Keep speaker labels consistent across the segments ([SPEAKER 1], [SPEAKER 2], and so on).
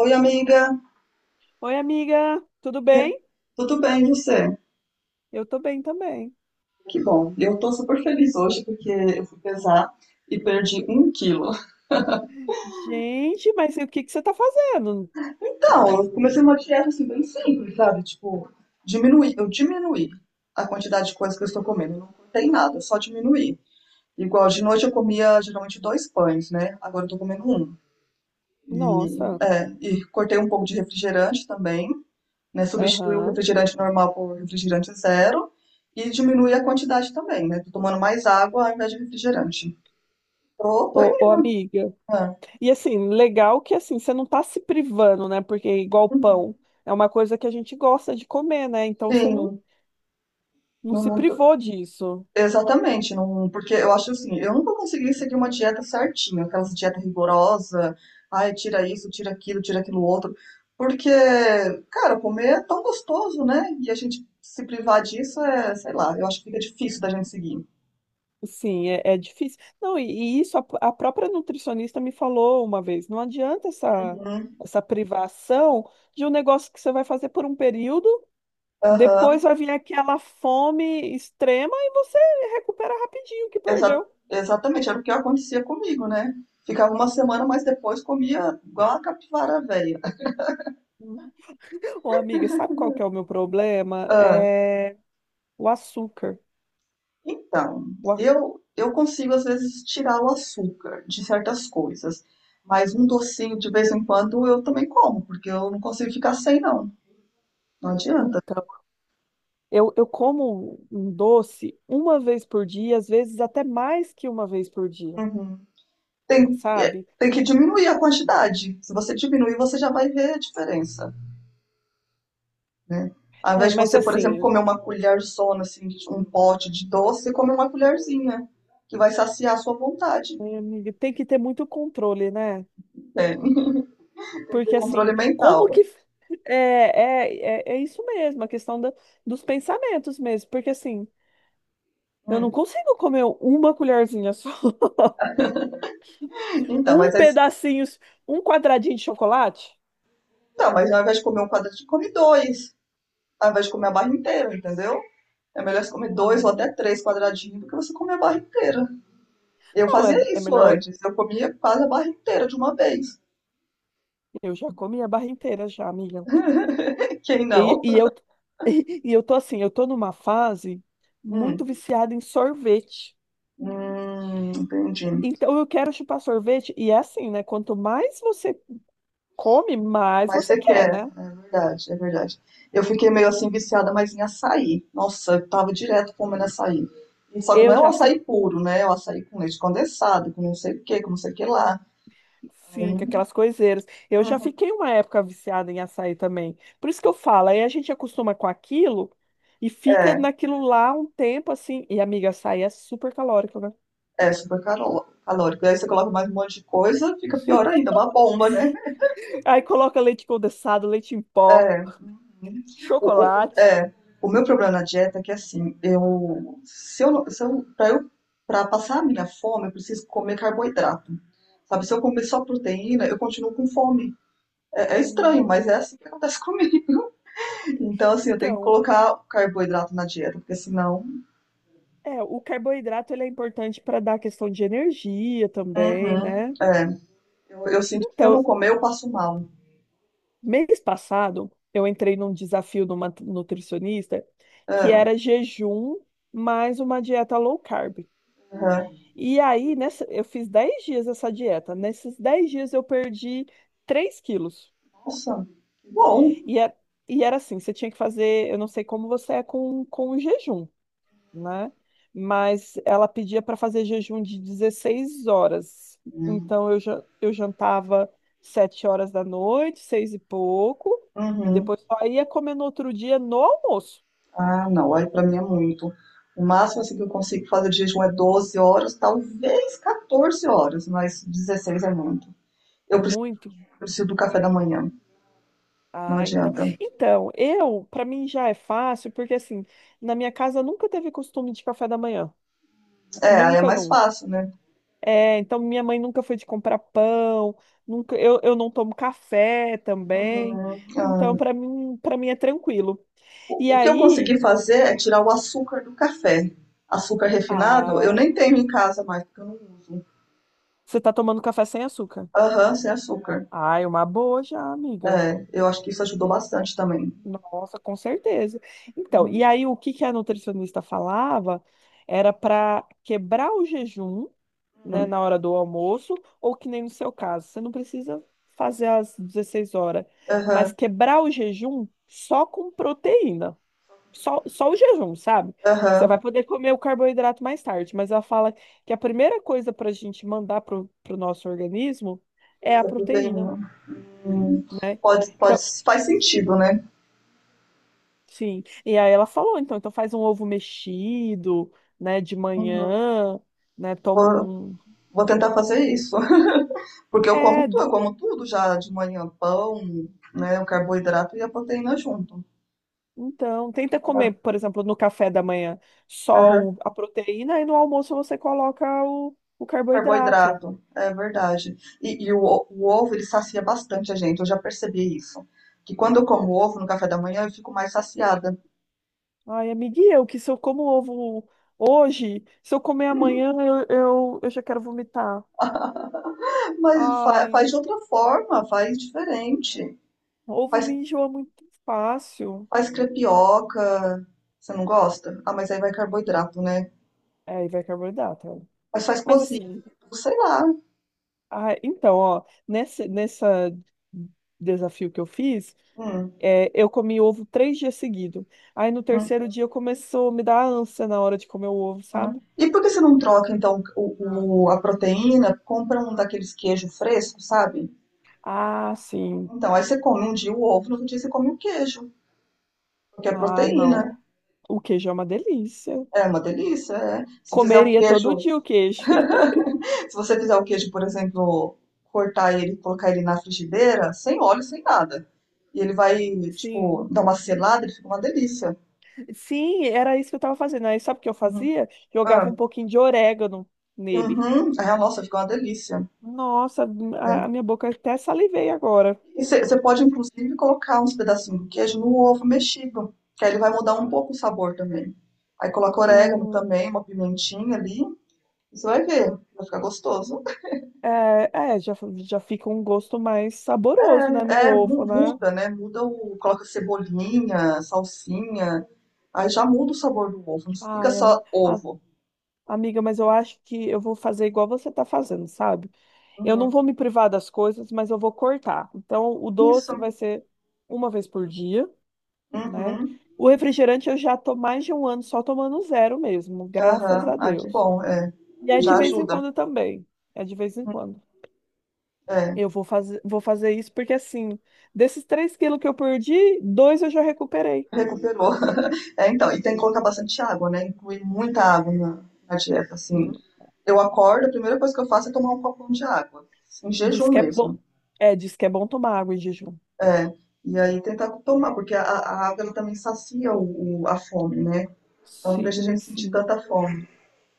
[SPEAKER 1] Oi, amiga.
[SPEAKER 2] Oi, amiga, tudo
[SPEAKER 1] E-
[SPEAKER 2] bem?
[SPEAKER 1] Tudo bem, e você?
[SPEAKER 2] Eu tô bem também.
[SPEAKER 1] Que bom. Eu tô super feliz hoje porque eu fui pesar e perdi um quilo.
[SPEAKER 2] Gente, mas e o que que você tá fazendo?
[SPEAKER 1] Então, eu comecei uma dieta assim bem simples, sabe? Tipo, diminuir. Eu diminuí a quantidade de coisas que eu estou comendo. Eu não cortei nada, eu só diminuí. Igual de noite eu comia geralmente dois pães, né? Agora eu tô comendo um. E,
[SPEAKER 2] Nossa,
[SPEAKER 1] é, e cortei um pouco de refrigerante também. Né? Substitui o
[SPEAKER 2] aham.
[SPEAKER 1] refrigerante normal por refrigerante zero e diminui a quantidade também, né? Tô tomando mais água ao invés de refrigerante. Tô
[SPEAKER 2] Ô, ô,
[SPEAKER 1] indo.
[SPEAKER 2] amiga.
[SPEAKER 1] Né?
[SPEAKER 2] E assim, legal que assim, você não tá se privando, né? Porque é igual
[SPEAKER 1] Uhum.
[SPEAKER 2] pão, é uma coisa que a gente gosta de comer, né? Então você não,
[SPEAKER 1] Sim,
[SPEAKER 2] não
[SPEAKER 1] não,
[SPEAKER 2] se
[SPEAKER 1] não tô-
[SPEAKER 2] privou disso.
[SPEAKER 1] exatamente, não, porque eu acho assim, eu nunca consegui seguir uma dieta certinha, aquelas dietas rigorosas, ai, tira isso, tira aquilo outro, porque, cara, comer é tão gostoso, né? E a gente se privar disso é, sei lá, eu acho que fica difícil da gente seguir.
[SPEAKER 2] Sim, é difícil. Não, e isso a própria nutricionista me falou uma vez, não adianta essa,
[SPEAKER 1] Uhum.
[SPEAKER 2] essa privação de um negócio que você vai fazer por um período. Depois
[SPEAKER 1] Aham.
[SPEAKER 2] vai vir aquela fome extrema e você recupera rapidinho o que
[SPEAKER 1] Exa-
[SPEAKER 2] perdeu.
[SPEAKER 1] Exatamente, era o que acontecia comigo, né? Ficava uma semana, mas depois comia igual a capivara velha.
[SPEAKER 2] Ô, amiga, sabe qual que é o meu problema?
[SPEAKER 1] Ah,
[SPEAKER 2] É o açúcar.
[SPEAKER 1] então,
[SPEAKER 2] O a-
[SPEAKER 1] eu consigo às vezes tirar o açúcar de certas coisas, mas um docinho de vez em quando eu também como, porque eu não consigo ficar sem, não. Não adianta.
[SPEAKER 2] Então, eu como um doce uma vez por dia, às vezes até mais que uma vez por dia,
[SPEAKER 1] Uhum. Tem, é,
[SPEAKER 2] sabe?
[SPEAKER 1] tem que diminuir a quantidade. Se você diminuir, você já vai ver a diferença. Né? Ao
[SPEAKER 2] É,
[SPEAKER 1] invés de
[SPEAKER 2] mas
[SPEAKER 1] você, por exemplo,
[SPEAKER 2] assim,
[SPEAKER 1] comer uma colherzona, assim, de um pote de doce, você come uma colherzinha, que vai saciar a sua vontade.
[SPEAKER 2] amiga, tem que ter muito controle, né?
[SPEAKER 1] Né? Tem que ter
[SPEAKER 2] Porque
[SPEAKER 1] controle
[SPEAKER 2] assim, como
[SPEAKER 1] mental.
[SPEAKER 2] que. É, é, é isso mesmo, a questão dos pensamentos mesmo. Porque assim. Eu não
[SPEAKER 1] Hum.
[SPEAKER 2] consigo comer uma colherzinha só.
[SPEAKER 1] Então,
[SPEAKER 2] Um
[SPEAKER 1] mas, as-
[SPEAKER 2] pedacinho, um quadradinho de chocolate?
[SPEAKER 1] então, mas ao invés de comer um quadradinho, come dois. Ao invés de comer a barra inteira, entendeu? É melhor você comer dois ou
[SPEAKER 2] Ah,
[SPEAKER 1] até três quadradinhos do que você comer a barra inteira. Eu
[SPEAKER 2] não, é,
[SPEAKER 1] fazia
[SPEAKER 2] é
[SPEAKER 1] isso
[SPEAKER 2] melhor.
[SPEAKER 1] antes. Eu comia quase a barra inteira de uma vez.
[SPEAKER 2] Eu já comi a barra inteira já, amiga.
[SPEAKER 1] Quem
[SPEAKER 2] E,
[SPEAKER 1] não?
[SPEAKER 2] e eu, eu tô numa fase muito
[SPEAKER 1] Hum,
[SPEAKER 2] viciada em sorvete.
[SPEAKER 1] hum, entendi.
[SPEAKER 2] Então eu quero chupar sorvete. E é assim, né? Quanto mais você come, mais
[SPEAKER 1] Mas
[SPEAKER 2] você
[SPEAKER 1] você
[SPEAKER 2] quer,
[SPEAKER 1] quer,
[SPEAKER 2] né?
[SPEAKER 1] é verdade, é verdade. Eu fiquei meio assim viciada, mas em açaí. Nossa, eu tava direto comendo açaí. E só que não
[SPEAKER 2] Eu
[SPEAKER 1] é o
[SPEAKER 2] já fi,
[SPEAKER 1] açaí puro, né? É o açaí com leite condensado, com não sei o que, com não sei o que lá.
[SPEAKER 2] Sim,
[SPEAKER 1] Aí,
[SPEAKER 2] com aquelas coiseiras. Eu já
[SPEAKER 1] uhum,
[SPEAKER 2] fiquei uma época viciada em açaí também. Por isso que eu falo, aí a gente acostuma com aquilo e fica
[SPEAKER 1] é,
[SPEAKER 2] naquilo lá um tempo assim. E, amiga, açaí é super calórico, né?
[SPEAKER 1] é calórico. Aí você coloca mais um monte de coisa, fica pior ainda, uma bomba, né?
[SPEAKER 2] Aí coloca leite condensado, leite em pó,
[SPEAKER 1] É. Uhum. O, o-
[SPEAKER 2] chocolate.
[SPEAKER 1] é, o meu problema na dieta é que assim, eu, se eu, não- se eu, para eu, para passar a minha fome, eu preciso comer carboidrato. Sabe, se eu comer só proteína, eu continuo com fome. É, é estranho, mas é
[SPEAKER 2] Hum,
[SPEAKER 1] assim que acontece comigo. Então, assim, eu tenho que
[SPEAKER 2] então,
[SPEAKER 1] colocar o carboidrato na dieta, porque senão,
[SPEAKER 2] o carboidrato ele é importante para dar a questão de energia também,
[SPEAKER 1] uhum,
[SPEAKER 2] né?
[SPEAKER 1] é, eu sinto que se eu não
[SPEAKER 2] Então,
[SPEAKER 1] comer, eu passo mal.
[SPEAKER 2] mês passado, eu entrei num desafio de uma nutricionista que
[SPEAKER 1] É,
[SPEAKER 2] era jejum mais uma dieta low carb.
[SPEAKER 1] uhum.
[SPEAKER 2] E aí, nessa, eu fiz 10 dias essa dieta. Nesses 10 dias, eu perdi 3 quilos.
[SPEAKER 1] Nossa, que bom.
[SPEAKER 2] E, é- e era assim: você tinha que fazer. Eu não sei como você é com o jejum, né? Mas ela pedia para fazer jejum de 16 horas. Então eu jantava 7 horas da noite, seis e pouco, e
[SPEAKER 1] Uhum.
[SPEAKER 2] depois só ia comer no outro dia no almoço.
[SPEAKER 1] Ah, não, aí pra mim é muito. O máximo assim, que eu consigo fazer de jejum é 12 horas, talvez 14 horas, mas 16 é muito. Eu
[SPEAKER 2] É
[SPEAKER 1] preciso,
[SPEAKER 2] muito?
[SPEAKER 1] preciso do café da manhã, não
[SPEAKER 2] Ah, então.
[SPEAKER 1] adianta.
[SPEAKER 2] Então, para mim já é fácil, porque assim, na minha casa nunca teve costume de café da manhã.
[SPEAKER 1] É, aí é
[SPEAKER 2] Nunca,
[SPEAKER 1] mais
[SPEAKER 2] nunca.
[SPEAKER 1] fácil, né?
[SPEAKER 2] É, então minha mãe nunca foi de comprar pão, nunca, eu não tomo café também.
[SPEAKER 1] Uhum. Ah,
[SPEAKER 2] Então, para mim é tranquilo. E
[SPEAKER 1] o que eu
[SPEAKER 2] aí,
[SPEAKER 1] consegui fazer é tirar o açúcar do café. Açúcar refinado, eu
[SPEAKER 2] ah,
[SPEAKER 1] nem tenho em casa mais, porque eu não uso.
[SPEAKER 2] você tá tomando café sem açúcar?
[SPEAKER 1] Aham, sem açúcar.
[SPEAKER 2] Ai, uma boa já, amiga.
[SPEAKER 1] É, eu acho que isso ajudou bastante também.
[SPEAKER 2] Nossa, com certeza. Então,
[SPEAKER 1] Uhum.
[SPEAKER 2] e aí o que que a nutricionista falava era para quebrar o jejum, né, na hora do almoço, ou que nem no seu caso, você não precisa fazer às 16 horas, mas
[SPEAKER 1] Aham,
[SPEAKER 2] quebrar o jejum só com proteína. Só o jejum, sabe? Você
[SPEAKER 1] aham.
[SPEAKER 2] vai poder comer o carboidrato mais tarde, mas ela fala que a primeira coisa para a gente mandar para o nosso organismo é a
[SPEAKER 1] Essa
[SPEAKER 2] proteína,
[SPEAKER 1] proteína.
[SPEAKER 2] né?
[SPEAKER 1] Pode, pode,
[SPEAKER 2] Então,
[SPEAKER 1] faz sentido, né?
[SPEAKER 2] sim. E aí ela falou, então faz um ovo mexido, né, de
[SPEAKER 1] Uhum.
[SPEAKER 2] manhã, né? Toma
[SPEAKER 1] Vou,
[SPEAKER 2] um.
[SPEAKER 1] vou tentar fazer isso. Porque
[SPEAKER 2] É, d-
[SPEAKER 1] eu como tudo já de manhã, pão, né? O carboidrato e a proteína junto.
[SPEAKER 2] então, tenta comer,
[SPEAKER 1] Aham,
[SPEAKER 2] por exemplo, no café da manhã só
[SPEAKER 1] aham.
[SPEAKER 2] o- a proteína e no almoço você coloca o carboidrato.
[SPEAKER 1] Carboidrato, é verdade. E o ovo, ele sacia bastante a gente, eu já percebi isso. Que quando eu como ovo no café da manhã, eu fico mais saciada.
[SPEAKER 2] Ai, amiga, eu que se eu como ovo hoje, se eu comer amanhã, eu já quero vomitar.
[SPEAKER 1] É, mas
[SPEAKER 2] Ai,
[SPEAKER 1] faz de outra forma, faz diferente.
[SPEAKER 2] ovo me
[SPEAKER 1] Faz,
[SPEAKER 2] enjoa muito fácil.
[SPEAKER 1] faz crepioca, você não gosta? Ah, mas aí vai carboidrato, né?
[SPEAKER 2] É, e vai carboidrato. É.
[SPEAKER 1] Mas faz
[SPEAKER 2] Mas
[SPEAKER 1] cozido,
[SPEAKER 2] assim,
[SPEAKER 1] sei lá.
[SPEAKER 2] ah então, ó, nessa desafio que eu fiz,
[SPEAKER 1] Hum.
[SPEAKER 2] eu comi ovo 3 dias seguidos. Aí no terceiro dia começou a me dar ânsia na hora de comer o ovo,
[SPEAKER 1] Aham.
[SPEAKER 2] sabe?
[SPEAKER 1] E por que você não troca, então, a proteína? Compra um daqueles queijos frescos, sabe?
[SPEAKER 2] Ah, sim.
[SPEAKER 1] Então, aí você come um dia o ovo, no outro dia você come o queijo, porque é
[SPEAKER 2] Ah,
[SPEAKER 1] proteína.
[SPEAKER 2] não. O queijo é uma delícia.
[SPEAKER 1] É uma delícia, é. Se fizer o
[SPEAKER 2] Comeria todo
[SPEAKER 1] queijo,
[SPEAKER 2] dia o queijo.
[SPEAKER 1] se você fizer o queijo, por exemplo, cortar ele, colocar ele na frigideira, sem óleo, sem nada. E ele vai, tipo,
[SPEAKER 2] Sim.
[SPEAKER 1] dar uma selada, ele fica uma delícia.
[SPEAKER 2] Sim, era isso que eu tava fazendo. Aí sabe o que eu
[SPEAKER 1] Uhum.
[SPEAKER 2] fazia? Jogava
[SPEAKER 1] Ah,
[SPEAKER 2] um pouquinho de orégano nele.
[SPEAKER 1] uhum. É, nossa, fica uma delícia.
[SPEAKER 2] Nossa, a
[SPEAKER 1] É.
[SPEAKER 2] minha boca até salivei agora.
[SPEAKER 1] E você pode, inclusive, colocar uns pedacinhos de queijo no ovo mexido, que aí ele vai mudar um pouco o sabor também. Aí coloca orégano
[SPEAKER 2] Hum,
[SPEAKER 1] também, uma pimentinha ali. Você vai ver, vai ficar gostoso.
[SPEAKER 2] é, já fica um gosto mais saboroso, né, no
[SPEAKER 1] É,
[SPEAKER 2] ovo, né?
[SPEAKER 1] muda, né? Muda o. Coloca cebolinha, salsinha. Aí já muda o sabor do ovo. Não fica
[SPEAKER 2] Ai, am-
[SPEAKER 1] só
[SPEAKER 2] a-
[SPEAKER 1] ovo.
[SPEAKER 2] amiga, mas eu acho que eu vou fazer igual você tá fazendo, sabe? Eu não
[SPEAKER 1] Uhum.
[SPEAKER 2] vou me privar das coisas, mas eu vou cortar. Então, o doce
[SPEAKER 1] Isso.
[SPEAKER 2] vai ser uma vez por dia, né?
[SPEAKER 1] Uhum.
[SPEAKER 2] O refrigerante eu já tô mais de um ano só tomando zero mesmo, graças
[SPEAKER 1] Aham.
[SPEAKER 2] a
[SPEAKER 1] Ah, que
[SPEAKER 2] Deus.
[SPEAKER 1] bom. É.
[SPEAKER 2] E é de
[SPEAKER 1] Já
[SPEAKER 2] vez em
[SPEAKER 1] ajuda.
[SPEAKER 2] quando também. É de vez em quando.
[SPEAKER 1] É.
[SPEAKER 2] Eu vou fazer isso porque, assim, desses 3 quilos que eu perdi, dois eu já recuperei.
[SPEAKER 1] Recuperou. É, então. E tem que colocar bastante água, né? Incluir muita água na dieta, assim.
[SPEAKER 2] Hum.
[SPEAKER 1] Eu acordo, a primeira coisa que eu faço é tomar um copão de água, em
[SPEAKER 2] Diz
[SPEAKER 1] jejum
[SPEAKER 2] que é bom,
[SPEAKER 1] mesmo.
[SPEAKER 2] diz que é bom tomar água em jejum.
[SPEAKER 1] É, e aí tentar tomar, porque a água ela também sacia a fome, né? Ela não deixa a
[SPEAKER 2] Sim,
[SPEAKER 1] gente sentir
[SPEAKER 2] sim.
[SPEAKER 1] tanta fome.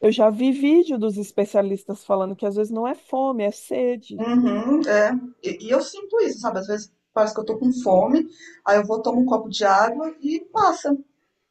[SPEAKER 2] Eu já vi vídeo dos especialistas falando que às vezes não é fome, é sede.
[SPEAKER 1] Uhum, é. E eu sinto isso, sabe? Às vezes parece que eu tô com fome, aí eu vou tomo um copo de água e passa.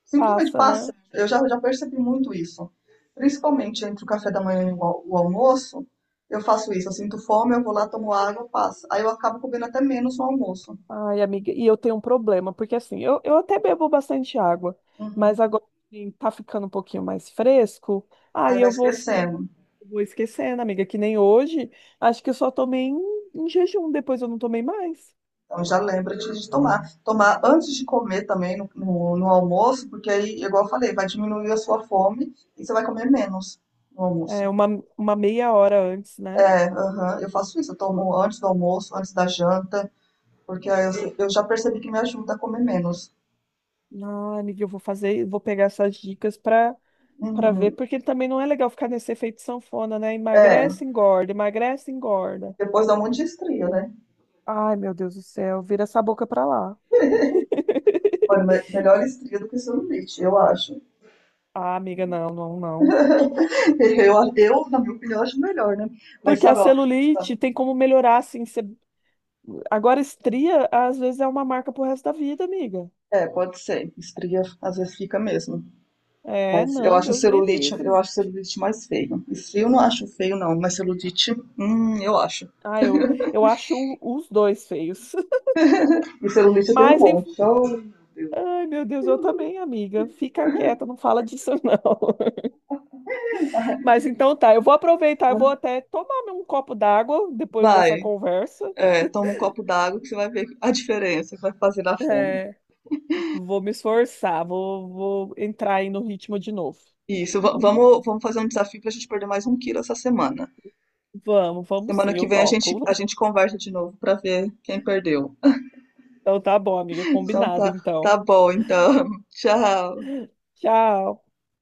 [SPEAKER 1] Simplesmente
[SPEAKER 2] Passa, né?
[SPEAKER 1] passa. Eu já percebi muito isso. Principalmente entre o café da manhã e o almoço, eu faço isso. Eu sinto fome, eu vou lá, tomo água, passa. Aí eu acabo comendo até menos no almoço.
[SPEAKER 2] Ai, amiga, e eu tenho um problema, porque assim, eu até bebo bastante água,
[SPEAKER 1] Uhum.
[SPEAKER 2] mas agora assim, tá ficando um pouquinho mais fresco,
[SPEAKER 1] Aí
[SPEAKER 2] aí
[SPEAKER 1] vai
[SPEAKER 2] eu vou ficando,
[SPEAKER 1] esquecendo.
[SPEAKER 2] vou esquecendo, amiga, que nem hoje, acho que eu só tomei em jejum, depois eu não tomei mais.
[SPEAKER 1] Então já lembra de tomar. Tomar antes de comer também no almoço, porque aí, igual eu falei, vai diminuir a sua fome e você vai comer menos no
[SPEAKER 2] É,
[SPEAKER 1] almoço.
[SPEAKER 2] uma meia hora antes, né?
[SPEAKER 1] É, aham, eu faço isso, eu tomo antes do almoço, antes da janta, porque eu já percebi que me ajuda a comer menos.
[SPEAKER 2] Ah, amiga, eu vou fazer, vou pegar essas dicas pra ver,
[SPEAKER 1] Uhum.
[SPEAKER 2] porque também não é legal ficar nesse efeito sanfona, né?
[SPEAKER 1] É,
[SPEAKER 2] Emagrece, engorda, emagrece, engorda.
[SPEAKER 1] depois dá um monte de estria, né?
[SPEAKER 2] Ai, meu Deus do céu, vira essa boca pra lá.
[SPEAKER 1] Olha, melhor estria do que celulite, eu acho.
[SPEAKER 2] Ah, amiga, não, não, não.
[SPEAKER 1] Na minha opinião, acho melhor, né? Mas
[SPEAKER 2] Porque a
[SPEAKER 1] sabe, ó,
[SPEAKER 2] celulite tem como melhorar, assim. Você. Agora, estria, às vezes, é uma marca pro resto da vida, amiga.
[SPEAKER 1] é, pode ser. Estria às vezes fica mesmo.
[SPEAKER 2] É,
[SPEAKER 1] Mas
[SPEAKER 2] não, Deus me
[SPEAKER 1] eu
[SPEAKER 2] livre.
[SPEAKER 1] acho celulite mais feio. E frio eu não acho feio, não, mas celulite, eu acho.
[SPEAKER 2] Ah, eu acho os dois feios.
[SPEAKER 1] E celulite eu tenho um
[SPEAKER 2] Mas, em-
[SPEAKER 1] monte. Oh, meu Deus.
[SPEAKER 2] ai, meu Deus, eu também, amiga. Fica quieta, não fala disso, não. Mas então tá, eu vou aproveitar, eu vou até tomar um copo d'água depois dessa
[SPEAKER 1] Vai,
[SPEAKER 2] conversa.
[SPEAKER 1] é, toma um copo d'água que você vai ver a diferença que vai fazer na fome.
[SPEAKER 2] É, vou me esforçar, vou entrar aí no ritmo de novo.
[SPEAKER 1] Isso, vamos, vamos fazer um desafio para a gente perder mais um quilo essa semana.
[SPEAKER 2] Vamos, vamos
[SPEAKER 1] Semana
[SPEAKER 2] sim,
[SPEAKER 1] que
[SPEAKER 2] eu
[SPEAKER 1] vem a
[SPEAKER 2] topo.
[SPEAKER 1] gente conversa de novo para ver quem perdeu.
[SPEAKER 2] Então tá bom, amiga,
[SPEAKER 1] Então
[SPEAKER 2] combinado
[SPEAKER 1] tá, tá
[SPEAKER 2] então.
[SPEAKER 1] bom, então. Tchau.
[SPEAKER 2] Tchau.